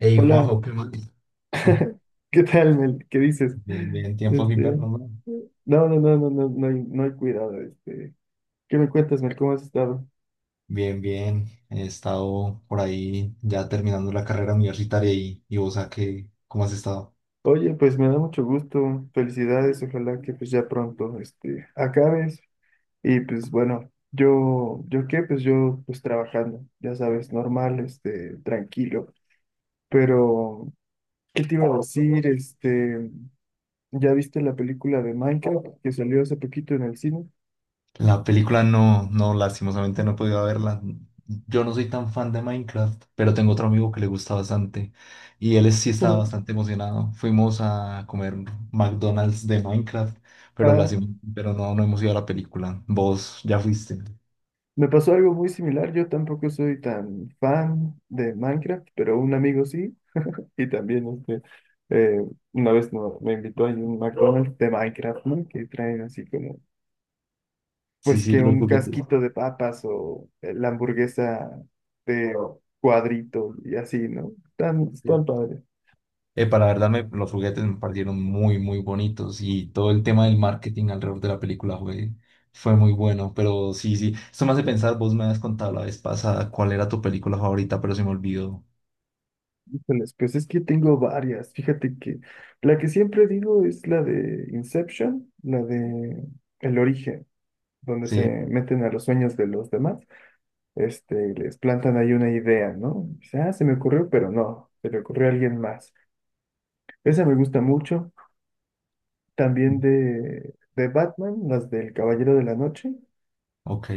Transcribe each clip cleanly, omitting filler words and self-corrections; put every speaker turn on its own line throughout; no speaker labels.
Hey
Hola,
Juanjo, ¿qué más?
¿qué tal, Mel? ¿Qué dices?
Bien, bien, tiempos
Este,
inviernos, ¿no?
no, no, no, no, no, no hay cuidado, ¿Qué me cuentas, Mel? ¿Cómo has estado?
Bien, bien. He estado por ahí ya terminando la carrera universitaria y vos, ¿a qué? ¿Cómo has estado?
Oye, pues me da mucho gusto, felicidades, ojalá que pues ya pronto, acabes. Y pues bueno, yo, ¿yo qué? Pues yo, pues trabajando, ya sabes, normal, tranquilo. Pero, ¿qué te iba a decir? ¿Ya viste la película de Minecraft que salió hace poquito en el cine?
La película no, no, lastimosamente no he podido verla. Yo no soy tan fan de Minecraft, pero tengo otro amigo que le gusta bastante y él sí estaba
Ujú.
bastante emocionado. Fuimos a comer McDonald's de Minecraft, pero,
Ah,
pero no, no hemos ido a la película. Vos ya fuiste.
me pasó algo muy similar. Yo tampoco soy tan fan de Minecraft, pero un amigo sí. Y también eh, una vez me invitó a un McDonald's de Minecraft, ¿no? Que traen así como,
Sí,
pues
sí,
que
los
un
juguetes.
casquito de papas o la hamburguesa de cuadrito y así, ¿no? Tan, tan padre.
Epa, la verdad, los juguetes me parecieron muy, muy bonitos y todo el tema del marketing alrededor de la película fue muy bueno. Pero sí, sí, esto me hace pensar, vos me habías contado la vez pasada cuál era tu película favorita, pero se me olvidó.
Híjoles, pues es que tengo varias. Fíjate que la que siempre digo es la de Inception, la de El Origen, donde se
Sí.
meten a los sueños de los demás. Y les plantan ahí una idea, ¿no? Dice, ah, se me ocurrió, pero no, se le ocurrió a alguien más. Esa me gusta mucho. También de Batman, las del Caballero de la Noche.
Ok,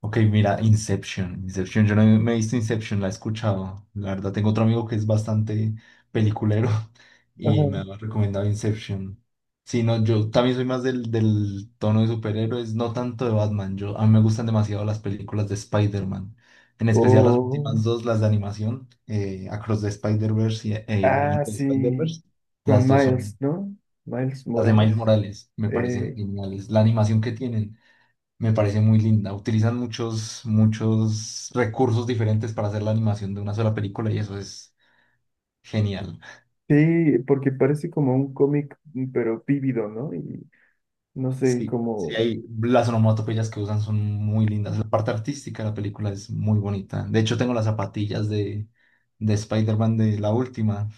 ok, mira, Inception, Inception, yo no me he visto Inception, la he escuchado, la verdad tengo otro amigo que es bastante peliculero y me ha
Ajá.
recomendado Inception. Sí, no, yo también soy más del tono de superhéroes, no tanto de Batman, yo, a mí me gustan demasiado las películas de Spider-Man, en especial las
O,
últimas dos, las de animación, Across the Spider-Verse y
ah,
Into the
sí,
Spider-Verse,
con
las dos
Miles,
son,
¿no? Miles
las de
Morales.
Miles Morales, me parecen
Eh,
geniales, la animación que tienen. Me parece muy linda. Utilizan muchos, muchos recursos diferentes para hacer la animación de una sola película y eso es genial.
sí, porque parece como un cómic, pero vívido, ¿no? Y no sé,
Sí, sí,
como,
hay las onomatopeyas que usan son muy lindas. La parte artística de la película es muy bonita. De hecho, tengo las zapatillas de, Spider-Man de la última,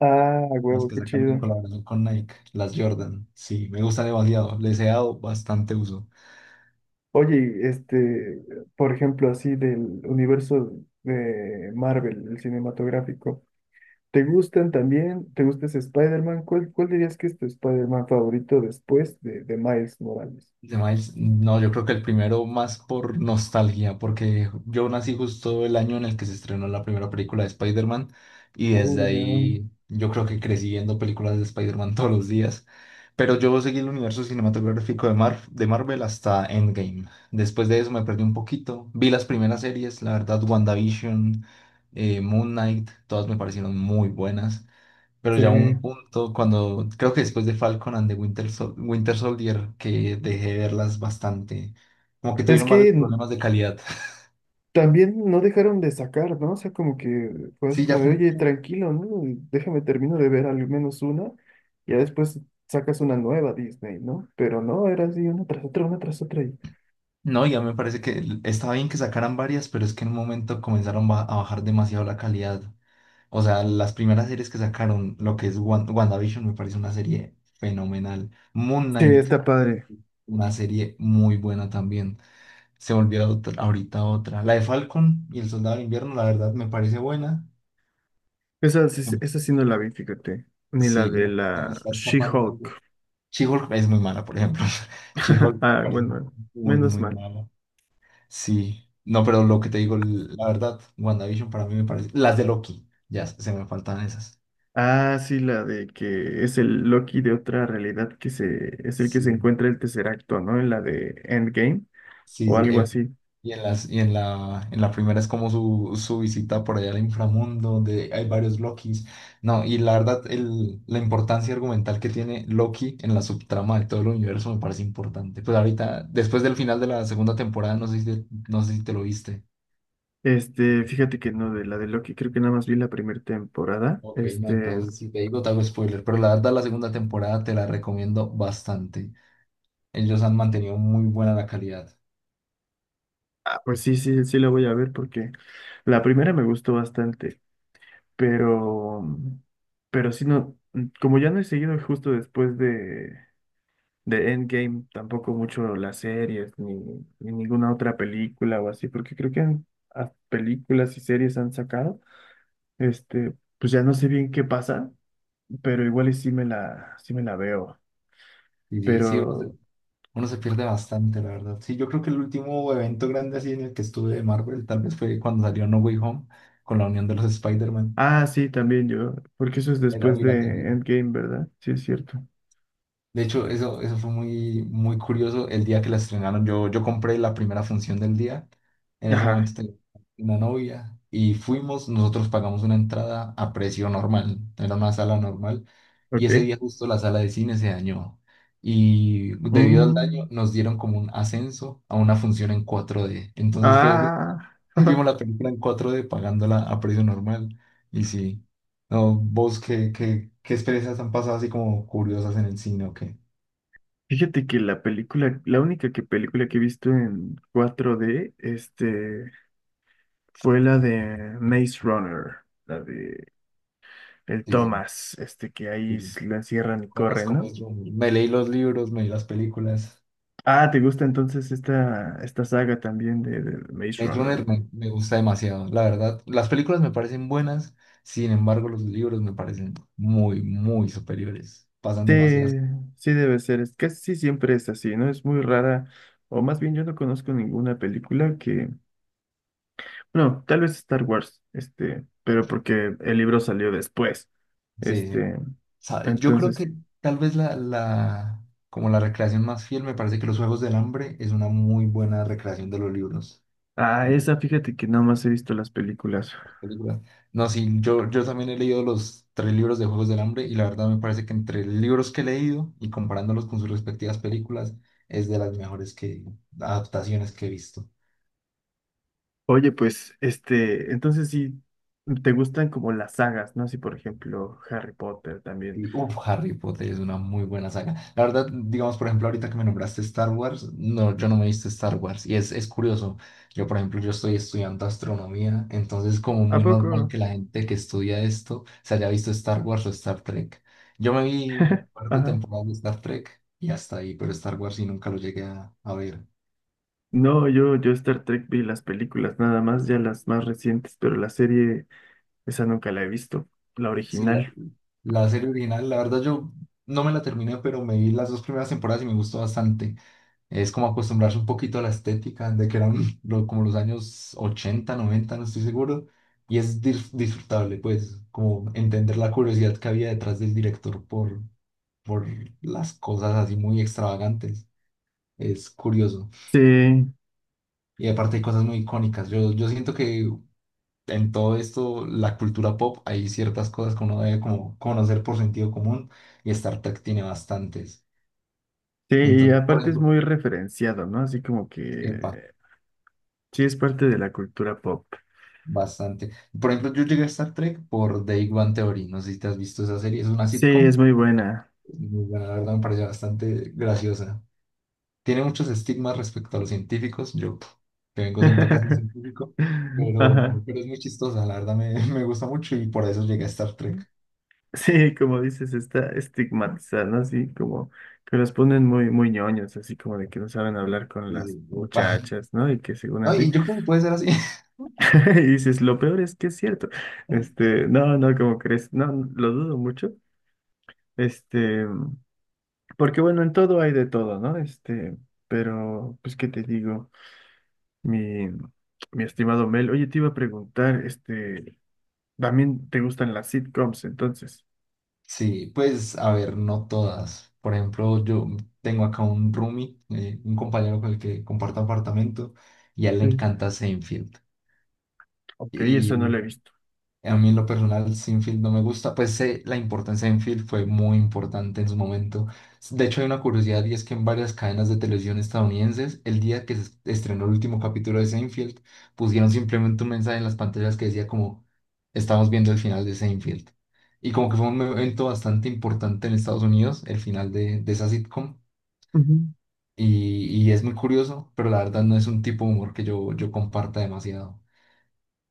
ah,
las
huevo,
que
qué
sacaron en
chido.
colaboración con Nike, las Jordan. Sí, me gustan demasiado. Les he dado bastante uso.
Oye, por ejemplo, así del universo de Marvel, el cinematográfico, ¿te gustan también? ¿Te gusta ese Spider-Man? Cuál dirías que es tu Spider-Man favorito después de Miles Morales?
De Miles, no, yo creo que el primero más por nostalgia, porque yo nací justo el año en el que se estrenó la primera película de Spider-Man y desde
Oh, ya,
ahí yo creo que crecí viendo películas de Spider-Man todos los días. Pero yo seguí el universo cinematográfico de Marvel hasta Endgame. Después de eso me perdí un poquito. Vi las primeras series, la verdad, WandaVision, Moon Knight, todas me parecieron muy buenas. Pero
sí.
ya hubo un punto cuando, creo que después de Falcon and the Winter, Winter Soldier, que dejé de verlas bastante, como que
Es
tuvieron varios
que
problemas de calidad.
también no dejaron de sacar, ¿no? O sea, como que fue así
Sí, ya
como de,
fue un
oye,
punto.
tranquilo, ¿no? Déjame termino de ver al menos una, ya después sacas una nueva Disney, ¿no? Pero no, era así una tras otra, una tras otra.
No, ya me parece que estaba bien que sacaran varias, pero es que en un momento comenzaron a bajar demasiado la calidad. O sea, las primeras series que sacaron, lo que es WandaVision, me parece una serie fenomenal. Moon
Sí,
Knight,
está padre.
una serie muy buena también. Se volvió ahorita otra. La de Falcon y el Soldado de Invierno, la verdad, me parece buena.
Esa, esa sí no la vi, fíjate. Ni la de
Sí, se me
la
está escapando algo.
She-Hulk.
She es muy mala, por ejemplo. She me
Ah,
parece
bueno,
muy,
menos
muy
mal.
mala. Sí, no, pero lo que te digo, la verdad, WandaVision para mí me parece. Las de Loki, ya se me faltan esas.
Ah, sí, la de que es el Loki de otra realidad es el que
Sí.
se encuentra el tercer acto, ¿no? En la de Endgame
Sí,
o
sí,
algo así.
y en las, y en la primera es como su visita por allá al inframundo, donde hay varios Lokis. No, y la verdad, el, la importancia argumental que tiene Loki en la subtrama de todo el universo me parece importante. Pues ahorita, después del final de la segunda temporada, no sé si te lo viste.
Fíjate que no, de la de Loki, creo que nada más vi la primera temporada.
Ok, no, entonces si te digo, te hago spoiler, pero la verdad, la segunda temporada te la recomiendo bastante. Ellos han mantenido muy buena la calidad.
Ah, pues sí, sí, sí la voy a ver porque la primera me gustó bastante, pero, pero sí no, como ya no he seguido justo después de Endgame, tampoco mucho las series, ni ninguna otra película o así, porque creo que películas y series han sacado. Pues ya no sé bien qué pasa, pero igual y sí me la veo.
Y sí, sí, uno
Pero,
uno se pierde bastante, la verdad. Sí, yo creo que el último evento grande así en el que estuve de Marvel tal vez fue cuando salió No Way Home con la unión de los Spider-Man.
ah, sí, también yo, porque eso es
Era
después
obligatorio.
de Endgame, ¿verdad? Sí, es cierto.
De hecho, eso fue muy, muy curioso. El día que la estrenaron, yo compré la primera función del día. En ese momento
Ajá,
tenía una novia y fuimos, nosotros pagamos una entrada a precio normal, era una sala normal. Y ese
ok.
día justo la sala de cine se dañó. Y debido al daño
Mm,
nos dieron como un ascenso a una función en 4D. Entonces fue
ah,
vimos la película en 4D pagándola a precio normal. Y sí, no, vos qué, experiencias han pasado así como curiosas en el cine, o qué.
fíjate que la película, la única que película que he visto en 4D, Fue la de Maze Runner, la de el
Sí, sí, sí,
Thomas, que ahí
sí.
lo encierran y corren,
Conozco
¿no?
Maze Runner. Me leí los libros, me vi las películas.
Ah, ¿te gusta entonces esta saga también de Maze
Maze
Runner?
Runner me gusta demasiado, la verdad. Las películas me parecen buenas, sin embargo, los libros me parecen muy, muy superiores. Pasan
Sí,
demasiadas.
sí debe ser, es casi siempre es así, ¿no? Es muy rara, o más bien yo no conozco ninguna película que, bueno, tal vez Star Wars, pero porque el libro salió después,
Sí, sí.
este,
Yo creo
entonces,
que tal vez como la recreación más fiel, me parece que Los Juegos del Hambre es una muy buena recreación de los libros.
ah, esa fíjate que nada más he visto las películas.
Películas. No, sí, yo, también he leído los tres libros de Juegos del Hambre y la verdad me parece que entre libros que he leído y comparándolos con sus respectivas películas es de las mejores que, adaptaciones que he visto.
Oye, pues, entonces sí, te gustan como las sagas, ¿no? Así, por ejemplo, Harry Potter también.
Y, uf, Harry Potter es una muy buena saga. La verdad, digamos, por ejemplo, ahorita que me nombraste Star Wars, no, yo no me viste Star Wars. Y es curioso. Yo, por ejemplo, yo estoy estudiando astronomía, entonces es como
¿A
muy normal
poco?
que la gente que estudia esto se haya visto Star Wars o Star Trek. Yo me vi un par de
Ajá.
temporadas de Star Trek y hasta ahí, pero Star Wars sí nunca lo llegué a ver.
No, yo Star Trek vi las películas nada más, ya las más recientes, pero la serie, esa nunca la he visto, la
Sí, la,
original.
la serie original, la verdad, yo no me la terminé, pero me vi las dos primeras temporadas y me gustó bastante. Es como acostumbrarse un poquito a la estética de que eran como los años 80 90 no estoy seguro. Y es disfrutable, pues, como entender la curiosidad que había detrás del director por, por las cosas así muy extravagantes. Es curioso.
Sí,
Y aparte hay cosas muy icónicas. Yo siento que en todo esto, la cultura pop, hay ciertas cosas que uno debe como conocer por sentido común y Star Trek tiene bastantes.
sí, y
Entonces, por
aparte es muy referenciado, ¿no? Así como
ejemplo,
que sí es parte de la cultura pop.
bastante. Por ejemplo, yo llegué a Star Trek por The Big Bang Theory. No sé si te has visto esa serie. Es una
Sí, es
sitcom.
muy buena.
Muy buena, la verdad me pareció bastante graciosa. Tiene muchos estigmas respecto a los científicos. Yo, pf, que vengo siendo casi un científico, pero,
Ajá.
pero es muy chistosa. La verdad me, me gusta mucho y por eso llegué a Star Trek.
Sí, como dices, está estigmatizada, ¿no? Así como que los ponen muy, muy ñoños, así como de que no saben hablar con
Y, sí,
las
epa.
muchachas, ¿no? Y que según
No,
así,
y yo creo que puede ser así.
y dices, lo peor es que es cierto. No, no, ¿como crees? No, no, lo dudo mucho. Este, porque bueno, en todo hay de todo, ¿no? Pero, pues, ¿qué te digo? Mi, mi estimado Mel, oye, te iba a preguntar, ¿también te gustan las sitcoms entonces?
Sí, pues a ver, no todas. Por ejemplo, yo tengo acá un roomie, un compañero con el que comparto apartamento, y a él le
Sí.
encanta Seinfeld.
Ok, eso no lo
Y
he visto.
a mí en lo personal Sinfield no me gusta, pues sé, la importancia de Sinfield fue muy importante en su momento. De hecho hay una curiosidad y es que en varias cadenas de televisión estadounidenses, el día que se estrenó el último capítulo de Seinfeld, pusieron simplemente un mensaje en las pantallas que decía como, estamos viendo el final de Seinfeld. Y como que fue un evento bastante importante en Estados Unidos, el final de, esa sitcom. Y es muy curioso, pero la verdad no es un tipo de humor que yo comparta demasiado.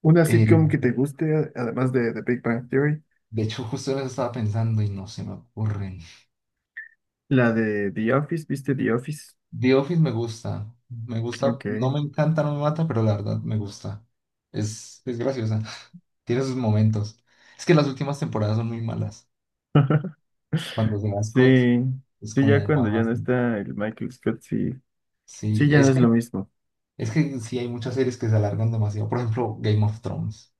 Una sitcom
Eh,
que te guste, además de The Big Bang Theory.
De hecho, justo en eso estaba pensando y no se me ocurren.
La de The Office, ¿viste The Office?
The Office me gusta. Me gusta,
Ok.
no me encanta, no me mata, pero la verdad me gusta. Es graciosa. Tiene sus momentos. Es que las últimas temporadas son muy malas. Cuando se va Scott,
Sí,
es
sí, ya
como
cuando ya
bajas.
no está el Michael Scott, sí,
Sí,
sí, ya no
es
es lo
como,
mismo.
es que sí hay muchas series que se alargan demasiado. Por ejemplo, Game of Thrones.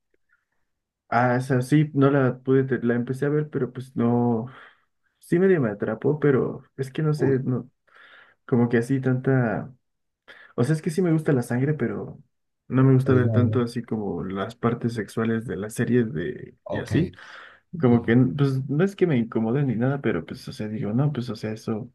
Ah, o sea sí, no la pude, la empecé a ver, pero pues no, sí medio me atrapó, pero es que no sé,
Uy,
no, como que así tanta, o sea, es que sí me gusta la sangre, pero no me gusta
pero es
ver
demasiado.
tanto así como las partes sexuales de las series de, y
Ok,
así.
ok.
Como que, pues no es que me incomode ni nada, pero pues, o sea, digo, no, pues, o sea, eso,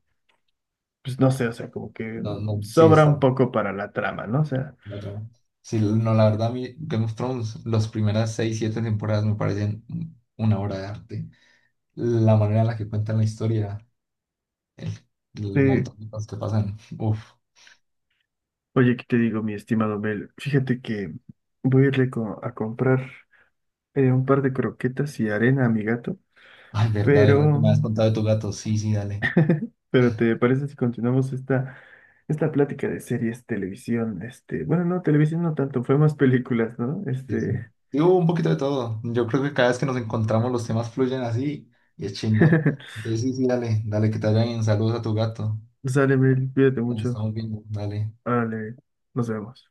pues no sé, o sea, como que
No, no, sí
sobra
está.
un poco para la trama, ¿no? O sea,
La trama. Sí, no, la verdad, a mí Game of Thrones, las primeras seis, siete temporadas me parecen una obra de arte. La manera en la que cuentan la historia, el, el
eh,
montón de cosas que pasan. Uf,
oye, ¿qué te digo, mi estimado Mel? Fíjate que voy a a comprar un par de croquetas y arena a mi gato,
ay, verdad, verdad que
pero,
me has contado de tu gato. Sí, sí, dale.
pero ¿te parece si continuamos esta plática de series, televisión, bueno, no, televisión no tanto, fue más películas, ¿no?
Sí, sí.
Este,
Y hubo un poquito de todo. Yo creo que cada vez que nos encontramos los temas fluyen así y es chimba. Entonces, sí, sí, dale, dale que te vayan bien. Saludos a tu gato.
sale, Mel cuídate
Nos
mucho,
estamos viendo, dale.
vale, nos vemos.